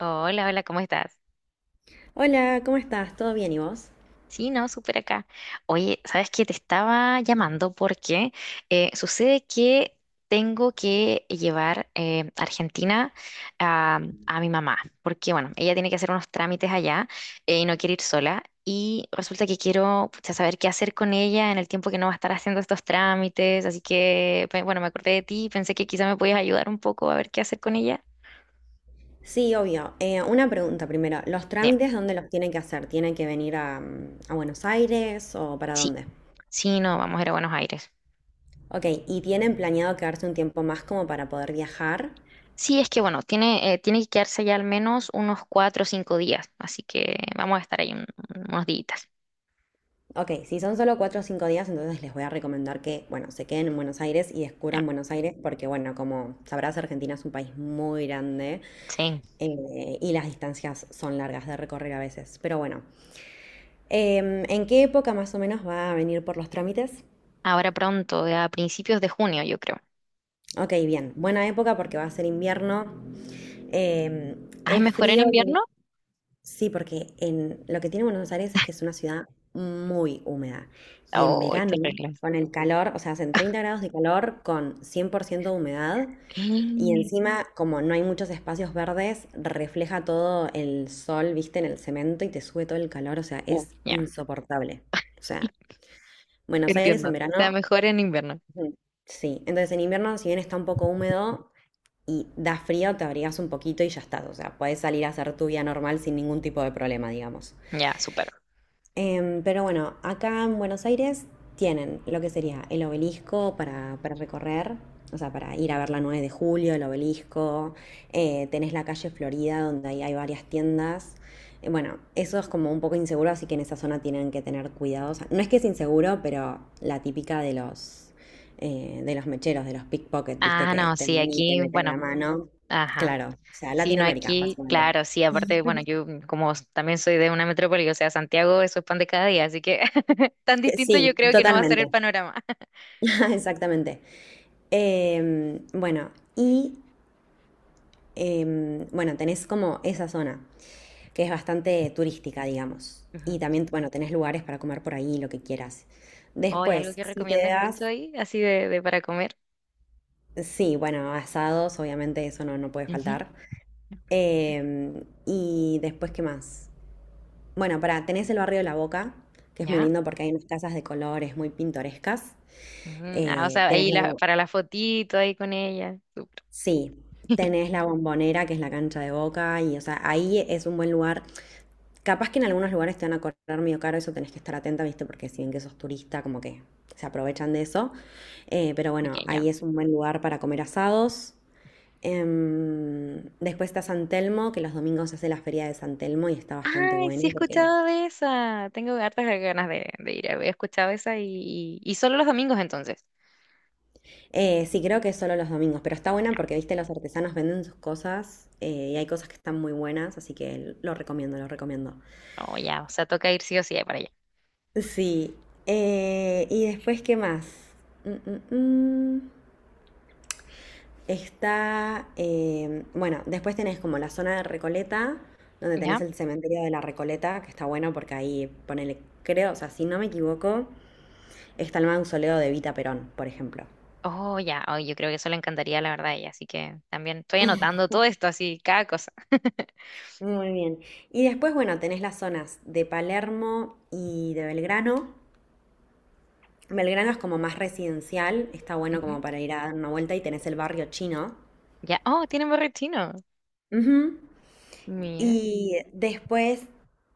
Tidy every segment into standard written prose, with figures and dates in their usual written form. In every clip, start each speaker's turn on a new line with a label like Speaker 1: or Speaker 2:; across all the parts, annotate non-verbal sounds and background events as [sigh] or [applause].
Speaker 1: Hola, hola, ¿cómo estás?
Speaker 2: Hola, ¿cómo estás? ¿Todo bien y vos?
Speaker 1: Sí, no, súper acá. Oye, ¿sabes qué? Te estaba llamando porque sucede que tengo que llevar a Argentina a, a mi mamá, porque bueno, ella tiene que hacer unos trámites allá, y no quiere ir sola. Y resulta que quiero pucha, saber qué hacer con ella en el tiempo que no va a estar haciendo estos trámites. Así que, bueno, me acordé de ti y pensé que quizá me podías ayudar un poco a ver qué hacer con ella.
Speaker 2: Sí, obvio. Una pregunta primero. ¿Los
Speaker 1: Bien,
Speaker 2: trámites dónde los tienen que hacer? ¿Tienen que venir a Buenos Aires o para
Speaker 1: sí,
Speaker 2: dónde?
Speaker 1: sí, no, vamos a ir a Buenos Aires.
Speaker 2: Ok, ¿y tienen planeado quedarse un tiempo más como para poder viajar?
Speaker 1: Sí, es que bueno, tiene, tiene que quedarse allá al menos unos 4 o 5 días, así que vamos a estar ahí unos días.
Speaker 2: Ok, si son solo 4 o 5 días, entonces les voy a recomendar que, bueno, se queden en Buenos Aires y descubran Buenos Aires porque, bueno, como sabrás, Argentina es un país muy grande,
Speaker 1: Sí,
Speaker 2: y las distancias son largas de recorrer a veces. Pero bueno, ¿en qué época más o menos va a venir por los trámites?
Speaker 1: ahora pronto, a principios de junio, yo creo.
Speaker 2: Ok, bien. Buena época porque va a ser invierno.
Speaker 1: ¿Ah, es
Speaker 2: Es
Speaker 1: mejor en
Speaker 2: frío.
Speaker 1: invierno?
Speaker 2: Sí, porque en, lo que tiene Buenos Aires es que es una ciudad muy húmeda. Y en
Speaker 1: Oh,
Speaker 2: verano,
Speaker 1: te arreglas.
Speaker 2: con el calor, o sea, hacen 30 grados de calor con 100% de humedad.
Speaker 1: [gasps]
Speaker 2: Y encima, como no hay muchos espacios verdes, refleja todo el sol, viste, en el cemento y te sube todo el calor. O sea, es
Speaker 1: Ya,
Speaker 2: insoportable. O sea, Buenos Aires
Speaker 1: entiendo.
Speaker 2: en
Speaker 1: O sea,
Speaker 2: verano,
Speaker 1: mejor en invierno.
Speaker 2: ujú, sí. Entonces en invierno, si bien está un poco húmedo, y da frío, te abrigas un poquito y ya estás. O sea, puedes salir a hacer tu vida normal sin ningún tipo de problema, digamos.
Speaker 1: Ya, súper.
Speaker 2: Pero bueno, acá en Buenos Aires tienen lo que sería el obelisco para recorrer, o sea, para ir a ver la 9 de julio, el obelisco. Tenés la calle Florida, donde ahí hay varias tiendas. Bueno, eso es como un poco inseguro, así que en esa zona tienen que tener cuidado. O sea, no es que es inseguro, pero la típica de los mecheros, de los pickpockets, viste,
Speaker 1: Ah,
Speaker 2: que
Speaker 1: no,
Speaker 2: te
Speaker 1: sí,
Speaker 2: ven y te
Speaker 1: aquí,
Speaker 2: meten la
Speaker 1: bueno,
Speaker 2: mano.
Speaker 1: ajá.
Speaker 2: Claro, o sea,
Speaker 1: Sí, no,
Speaker 2: Latinoamérica,
Speaker 1: aquí,
Speaker 2: básicamente.
Speaker 1: claro, sí, aparte, bueno, yo también soy de una metrópoli, o sea, Santiago, eso es pan de cada día, así que [laughs] tan
Speaker 2: Que
Speaker 1: distinto
Speaker 2: sí,
Speaker 1: yo creo que no va a ser
Speaker 2: totalmente,
Speaker 1: el panorama.
Speaker 2: [laughs] exactamente. Eh, bueno, y bueno, tenés como esa zona, que es bastante turística, digamos. Y
Speaker 1: [laughs]
Speaker 2: también, bueno, tenés lugares para comer por ahí, lo que quieras.
Speaker 1: Hoy algo
Speaker 2: Después,
Speaker 1: que
Speaker 2: si te
Speaker 1: recomiendas
Speaker 2: das,
Speaker 1: mucho ahí, así de para comer.
Speaker 2: sí, bueno, asados, obviamente eso no, no puede
Speaker 1: Ujú.
Speaker 2: faltar. Eh, y después, ¿qué más? Bueno, para, tenés el barrio de La Boca, que es muy
Speaker 1: ¿Ya?
Speaker 2: lindo porque hay unas casas de colores muy pintorescas.
Speaker 1: Ujú. Ah, o
Speaker 2: Eh,
Speaker 1: sea,
Speaker 2: tenés la, bo-
Speaker 1: para la fotito ahí con ella. Súper.
Speaker 2: sí, tenés la Bombonera, que es la cancha de Boca, y o sea, ahí es un buen lugar. Capaz que en algunos lugares te van a cobrar medio caro, eso tenés que estar atenta, ¿viste? Porque si bien que sos turista, como que se aprovechan de eso. Pero
Speaker 1: Ok,
Speaker 2: bueno,
Speaker 1: ya.
Speaker 2: ahí es un buen lugar para comer asados. Después está San Telmo, que los domingos se hace la feria de San Telmo y está bastante
Speaker 1: Ay, sí he
Speaker 2: bueno porque...
Speaker 1: escuchado de esa. Tengo hartas ganas de ir. He escuchado esa y solo los domingos entonces.
Speaker 2: Sí, creo que es solo los domingos, pero está buena porque, viste, los artesanos venden sus cosas, y hay cosas que están muy buenas, así que lo recomiendo, lo recomiendo.
Speaker 1: Oh, ya. O sea, toca ir sí o sí para allá.
Speaker 2: Sí. Y después, ¿qué más? Mm, mm, mm. Está, bueno, después tenés como la zona de Recoleta, donde
Speaker 1: ¿Ya?
Speaker 2: tenés el cementerio de la Recoleta, que está bueno porque ahí, ponele, creo, o sea, si no me equivoco, está el mausoleo de Evita Perón, por ejemplo.
Speaker 1: Oh, ya. Oh, yo creo que eso le encantaría, la verdad, a ella. Así que también estoy anotando todo esto, así, cada cosa. Ujú. [laughs]
Speaker 2: Muy bien. Y después, bueno, tenés las zonas de Palermo y de Belgrano. Belgrano es como más residencial, está bueno como para ir a dar una vuelta y tenés el barrio chino.
Speaker 1: Ya. Oh, tiene borrachino.
Speaker 2: Ujú.
Speaker 1: Mira.
Speaker 2: Y después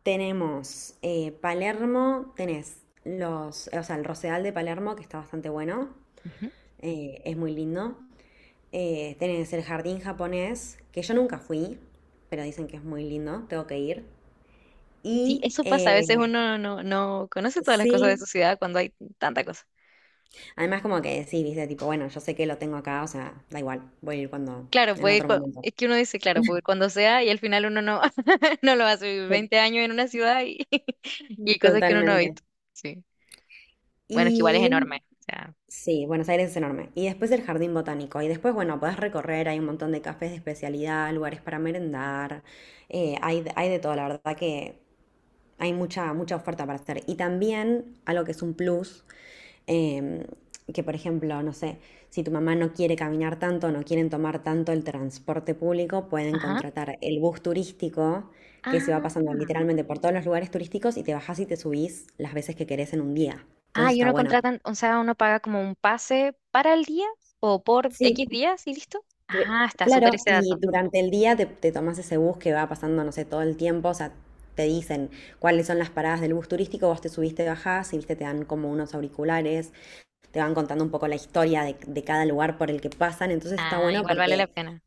Speaker 2: tenemos Palermo, tenés los, o sea, el Rosedal de Palermo, que está bastante bueno, es muy lindo. Tenés el jardín japonés, que yo nunca fui, pero dicen que es muy lindo, tengo que ir.
Speaker 1: Sí,
Speaker 2: Y
Speaker 1: eso pasa. A veces
Speaker 2: eh,
Speaker 1: uno no conoce todas las cosas de su
Speaker 2: sí,
Speaker 1: ciudad cuando hay tanta cosa.
Speaker 2: además como que sí, viste, tipo, bueno, yo sé que lo tengo acá, o sea, da igual, voy a ir cuando,
Speaker 1: Claro,
Speaker 2: en
Speaker 1: puede,
Speaker 2: otro momento.
Speaker 1: es que uno dice, claro, puede cuando sea y al final uno no, [laughs] no lo hace. Vivir Veinte
Speaker 2: [laughs]
Speaker 1: años en una ciudad y, [laughs] y hay cosas que uno no ha
Speaker 2: Totalmente.
Speaker 1: visto. Sí. Bueno, es que igual es enorme.
Speaker 2: Y
Speaker 1: O sea,
Speaker 2: sí, Buenos Aires es enorme. Y después el jardín botánico. Y después, bueno, podés recorrer, hay un montón de cafés de especialidad, lugares para merendar, hay de todo, la verdad que hay mucha, mucha oferta para hacer. Y también algo que es un plus, em, que por ejemplo, no sé, si tu mamá no quiere caminar tanto, no quieren tomar tanto el transporte público, pueden
Speaker 1: ajá.
Speaker 2: contratar el bus turístico que se va pasando
Speaker 1: Ah,
Speaker 2: literalmente por todos los lugares turísticos y te bajás y te subís las veces que querés en un día.
Speaker 1: ah,
Speaker 2: Entonces
Speaker 1: y
Speaker 2: está
Speaker 1: uno
Speaker 2: bueno.
Speaker 1: contratan, o sea, uno paga como un pase para el día o por X
Speaker 2: Sí,
Speaker 1: días y listo. Ah, está súper
Speaker 2: Claro,
Speaker 1: ese dato.
Speaker 2: y durante el día te tomas ese bus que va pasando, no sé, todo el tiempo, o sea, te dicen cuáles son las paradas del bus turístico, vos te subiste, bajás y viste, te dan como unos auriculares, te van contando un poco la historia de cada lugar por el que pasan, entonces está
Speaker 1: Ah,
Speaker 2: bueno
Speaker 1: igual vale la
Speaker 2: porque
Speaker 1: pena.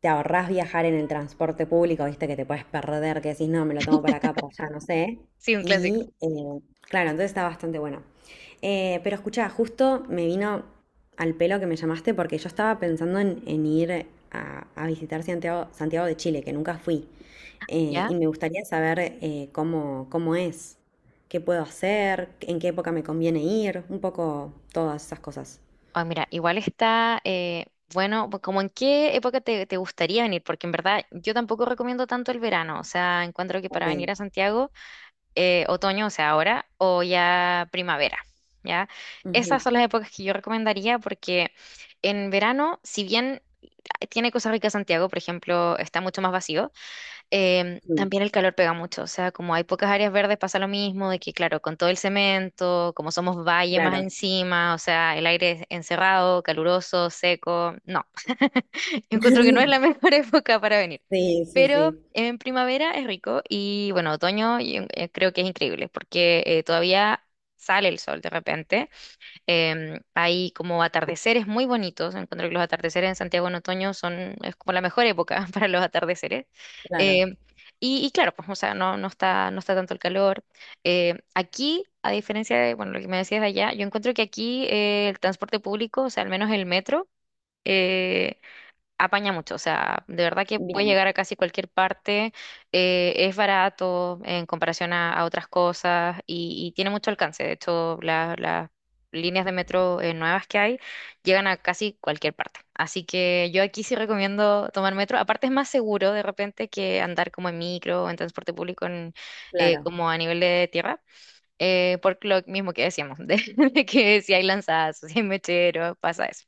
Speaker 2: te ahorrás viajar en el transporte público, viste que te puedes perder, que decís, no, me lo tomo para acá, para allá, no sé.
Speaker 1: Sí, un clásico.
Speaker 2: Y eh, claro, entonces está bastante bueno. Pero escuchá, justo me vino al pelo que me llamaste porque yo estaba pensando en ir a visitar Santiago, Santiago de Chile, que nunca fui.
Speaker 1: ¿Ya?
Speaker 2: Y me gustaría saber cómo, cómo es, qué puedo hacer, en qué época me conviene ir, un poco todas esas cosas.
Speaker 1: Ah, mira, igual está, bueno, pues como en qué época te gustaría venir, porque en verdad yo tampoco recomiendo tanto el verano, o sea, encuentro que para
Speaker 2: Ok.
Speaker 1: venir a Santiago, otoño, o sea, ahora, o ya primavera, ¿ya?
Speaker 2: Ujú.
Speaker 1: Esas son las épocas que yo recomendaría porque en verano, si bien ah, tiene cosas ricas Santiago, por ejemplo, está mucho más vacío. Em,
Speaker 2: Mm,
Speaker 1: también el calor pega mucho, o sea, como hay pocas áreas verdes pasa lo mismo, de que claro, con todo el cemento, como somos valle más
Speaker 2: claro.
Speaker 1: encima, o sea, el aire es encerrado, caluroso, seco, no, [laughs] encuentro que no es
Speaker 2: [laughs]
Speaker 1: la mejor [laughs] época para venir.
Speaker 2: Sí, sí,
Speaker 1: Pero
Speaker 2: sí.
Speaker 1: en primavera es rico y bueno, otoño yo, creo que es increíble porque todavía sale el sol de repente. Em, hay como atardeceres muy bonitos. Encuentro que los atardeceres en Santiago en otoño son, es como la mejor época [laughs] para los atardeceres.
Speaker 2: Claro,
Speaker 1: Em, y claro, pues, o sea, no, no está tanto el calor. Em, aquí, a diferencia de, bueno, lo que me decías de allá, yo encuentro que aquí el transporte público, o sea, al menos el metro, eh, apaña mucho, o sea, de verdad que puedes
Speaker 2: bien,
Speaker 1: llegar a casi cualquier parte, es barato en comparación a otras cosas y tiene mucho alcance. De hecho, las líneas de metro nuevas que hay llegan a casi cualquier parte. Así que yo aquí sí recomiendo tomar metro. Aparte es más seguro de repente que andar como en micro o en transporte público en,
Speaker 2: claro.
Speaker 1: como a nivel de tierra. Eh, por lo mismo que decíamos, [laughs] de que si hay lanzazos, si hay mecheros, pasa eso.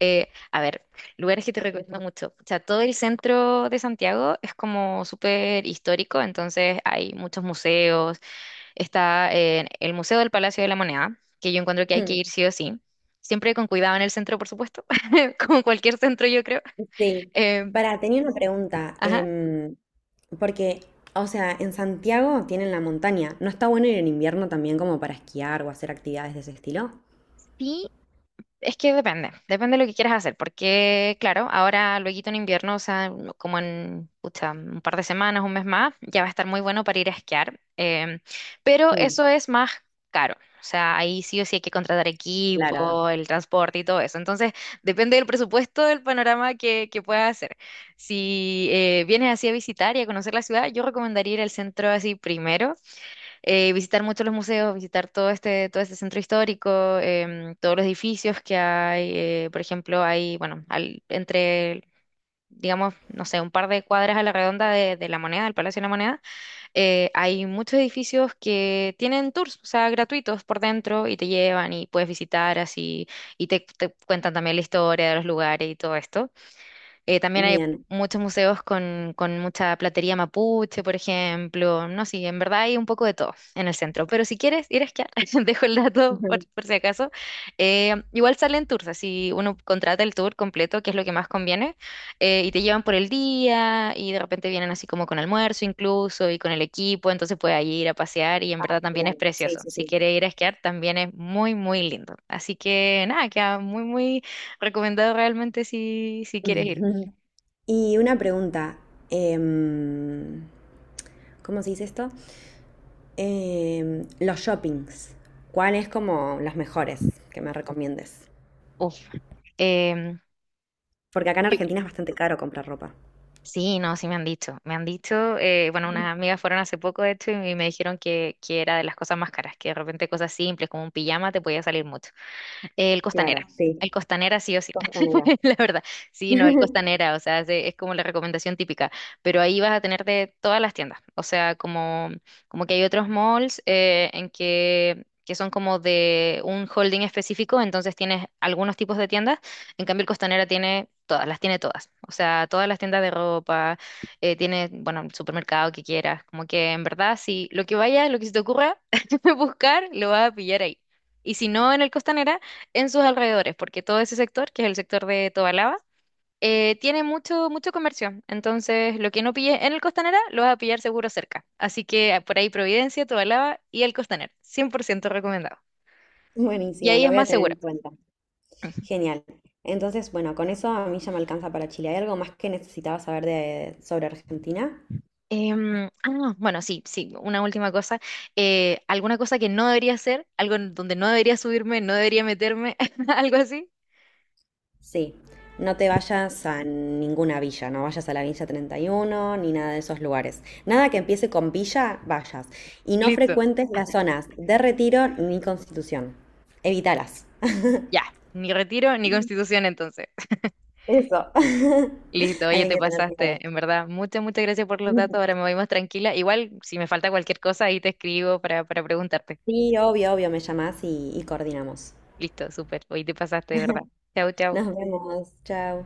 Speaker 1: A ver, lugares que te recomiendo mucho. O sea, todo el centro de Santiago es como súper histórico, entonces hay muchos museos. Está el Museo del Palacio de la Moneda, que yo encuentro que hay que
Speaker 2: Hmm.
Speaker 1: ir sí o sí. Siempre con cuidado en el centro, por supuesto, [laughs] como cualquier centro, yo creo.
Speaker 2: Sí.
Speaker 1: Eh,
Speaker 2: Para, tenía una pregunta,
Speaker 1: ajá.
Speaker 2: porque, o sea, en Santiago tienen la montaña. ¿No está bueno ir en invierno también como para esquiar o hacer actividades de ese estilo?
Speaker 1: Sí, es que depende, depende de lo que quieras hacer, porque claro, ahora luego en invierno, o sea, como en pucha, un par de semanas, un mes más, ya va a estar muy bueno para ir a esquiar, em, pero
Speaker 2: Mm,
Speaker 1: eso es más caro, o sea, ahí sí o sí hay que contratar
Speaker 2: claro,
Speaker 1: equipo, el transporte y todo eso, entonces depende del presupuesto, del panorama que puedas hacer. Si vienes así a visitar y a conocer la ciudad, yo recomendaría ir al centro así primero, visitar mucho los museos, visitar todo este centro histórico, em, todos los edificios que hay. Eh, por ejemplo, hay, bueno, entre, digamos, no sé, un par de cuadras a la redonda de la Moneda, del Palacio de la Moneda, hay muchos edificios que tienen tours, o sea, gratuitos por dentro y te llevan y puedes visitar así y te cuentan también la historia de los lugares y todo esto. También hay
Speaker 2: bien.
Speaker 1: muchos museos con mucha platería mapuche, por ejemplo. No, sí, en verdad hay un poco de todo en el centro. Pero si quieres ir a esquiar, [laughs] dejo el dato
Speaker 2: Ujú.
Speaker 1: por si acaso. Igual salen tours, así uno contrata el tour completo, que es lo que más conviene, y te llevan por el día y de repente vienen así como con almuerzo incluso y con el equipo, entonces puedes ahí ir a pasear y en
Speaker 2: Ah,
Speaker 1: verdad también es
Speaker 2: bien, sí,
Speaker 1: precioso.
Speaker 2: sí,
Speaker 1: Si
Speaker 2: sí.
Speaker 1: quieres ir a esquiar, también es muy, muy lindo. Así que nada, queda muy, muy recomendado realmente si, si quieres ir.
Speaker 2: Ujú. Y una pregunta, em, ¿cómo se dice esto? Los shoppings, ¿cuáles como los mejores que me recomiendes?
Speaker 1: Uf, em,
Speaker 2: Porque acá en
Speaker 1: yo
Speaker 2: Argentina es bastante caro comprar ropa.
Speaker 1: sí, no, sí me han dicho. Me han dicho, bueno, unas amigas fueron hace poco de hecho y me dijeron que era de las cosas más caras, que de repente cosas simples como un pijama te podía salir mucho. El Costanera.
Speaker 2: Claro, sí,
Speaker 1: El Costanera sí o sí,
Speaker 2: Costanera.
Speaker 1: [laughs] la verdad. Sí, no, el
Speaker 2: [laughs]
Speaker 1: Costanera, o sea, es, es como la recomendación típica, pero ahí vas a tener de todas las tiendas, o sea, como, como que hay otros malls en que son como de un holding específico, entonces tienes algunos tipos de tiendas, en cambio el Costanera tiene todas, las tiene todas, o sea, todas las tiendas de ropa, tiene, bueno, el supermercado que quieras, como que en verdad, si lo que vaya, lo que se te ocurra [laughs] buscar, lo vas a pillar ahí. Y si no en el Costanera, en sus alrededores, porque todo ese sector, que es el sector de Tobalaba, tiene mucho, mucho comercio. Entonces, lo que no pille en el Costanera, lo vas a pillar seguro cerca. Así que ah, por ahí Providencia, Tobalaba y el Costanera, 100% recomendado. Y
Speaker 2: Buenísimo,
Speaker 1: ahí
Speaker 2: lo
Speaker 1: es
Speaker 2: voy a
Speaker 1: más
Speaker 2: tener
Speaker 1: seguro.
Speaker 2: en cuenta. Genial. Entonces, bueno, con eso a mí ya me alcanza para Chile. ¿Hay algo más que necesitabas saber de, sobre Argentina?
Speaker 1: Em, ah, bueno, sí, sí, una última cosa. ¿Alguna cosa que no debería hacer? ¿Algo en donde no debería subirme, no debería meterme? [laughs] ¿Algo así?
Speaker 2: Sí, no te vayas a ninguna villa, no vayas a la Villa 31 ni nada de esos lugares. Nada que empiece con villa, vayas. Y no
Speaker 1: Listo.
Speaker 2: frecuentes las zonas de Retiro ni Constitución. Evítalas. [laughs]
Speaker 1: Ya, ni Retiro ni Constitución entonces.
Speaker 2: Eso. [laughs]
Speaker 1: Listo, oye,
Speaker 2: Hay
Speaker 1: te
Speaker 2: que tener
Speaker 1: pasaste,
Speaker 2: cuidado.
Speaker 1: en verdad. Muchas, muchas gracias por los datos. Ahora me voy más tranquila. Igual, si me falta cualquier cosa, ahí te escribo para preguntarte.
Speaker 2: Sí, obvio, obvio, me llamás y coordinamos.
Speaker 1: Listo, súper. Hoy te pasaste, de verdad. Chau, chau.
Speaker 2: Nos vemos. Chao.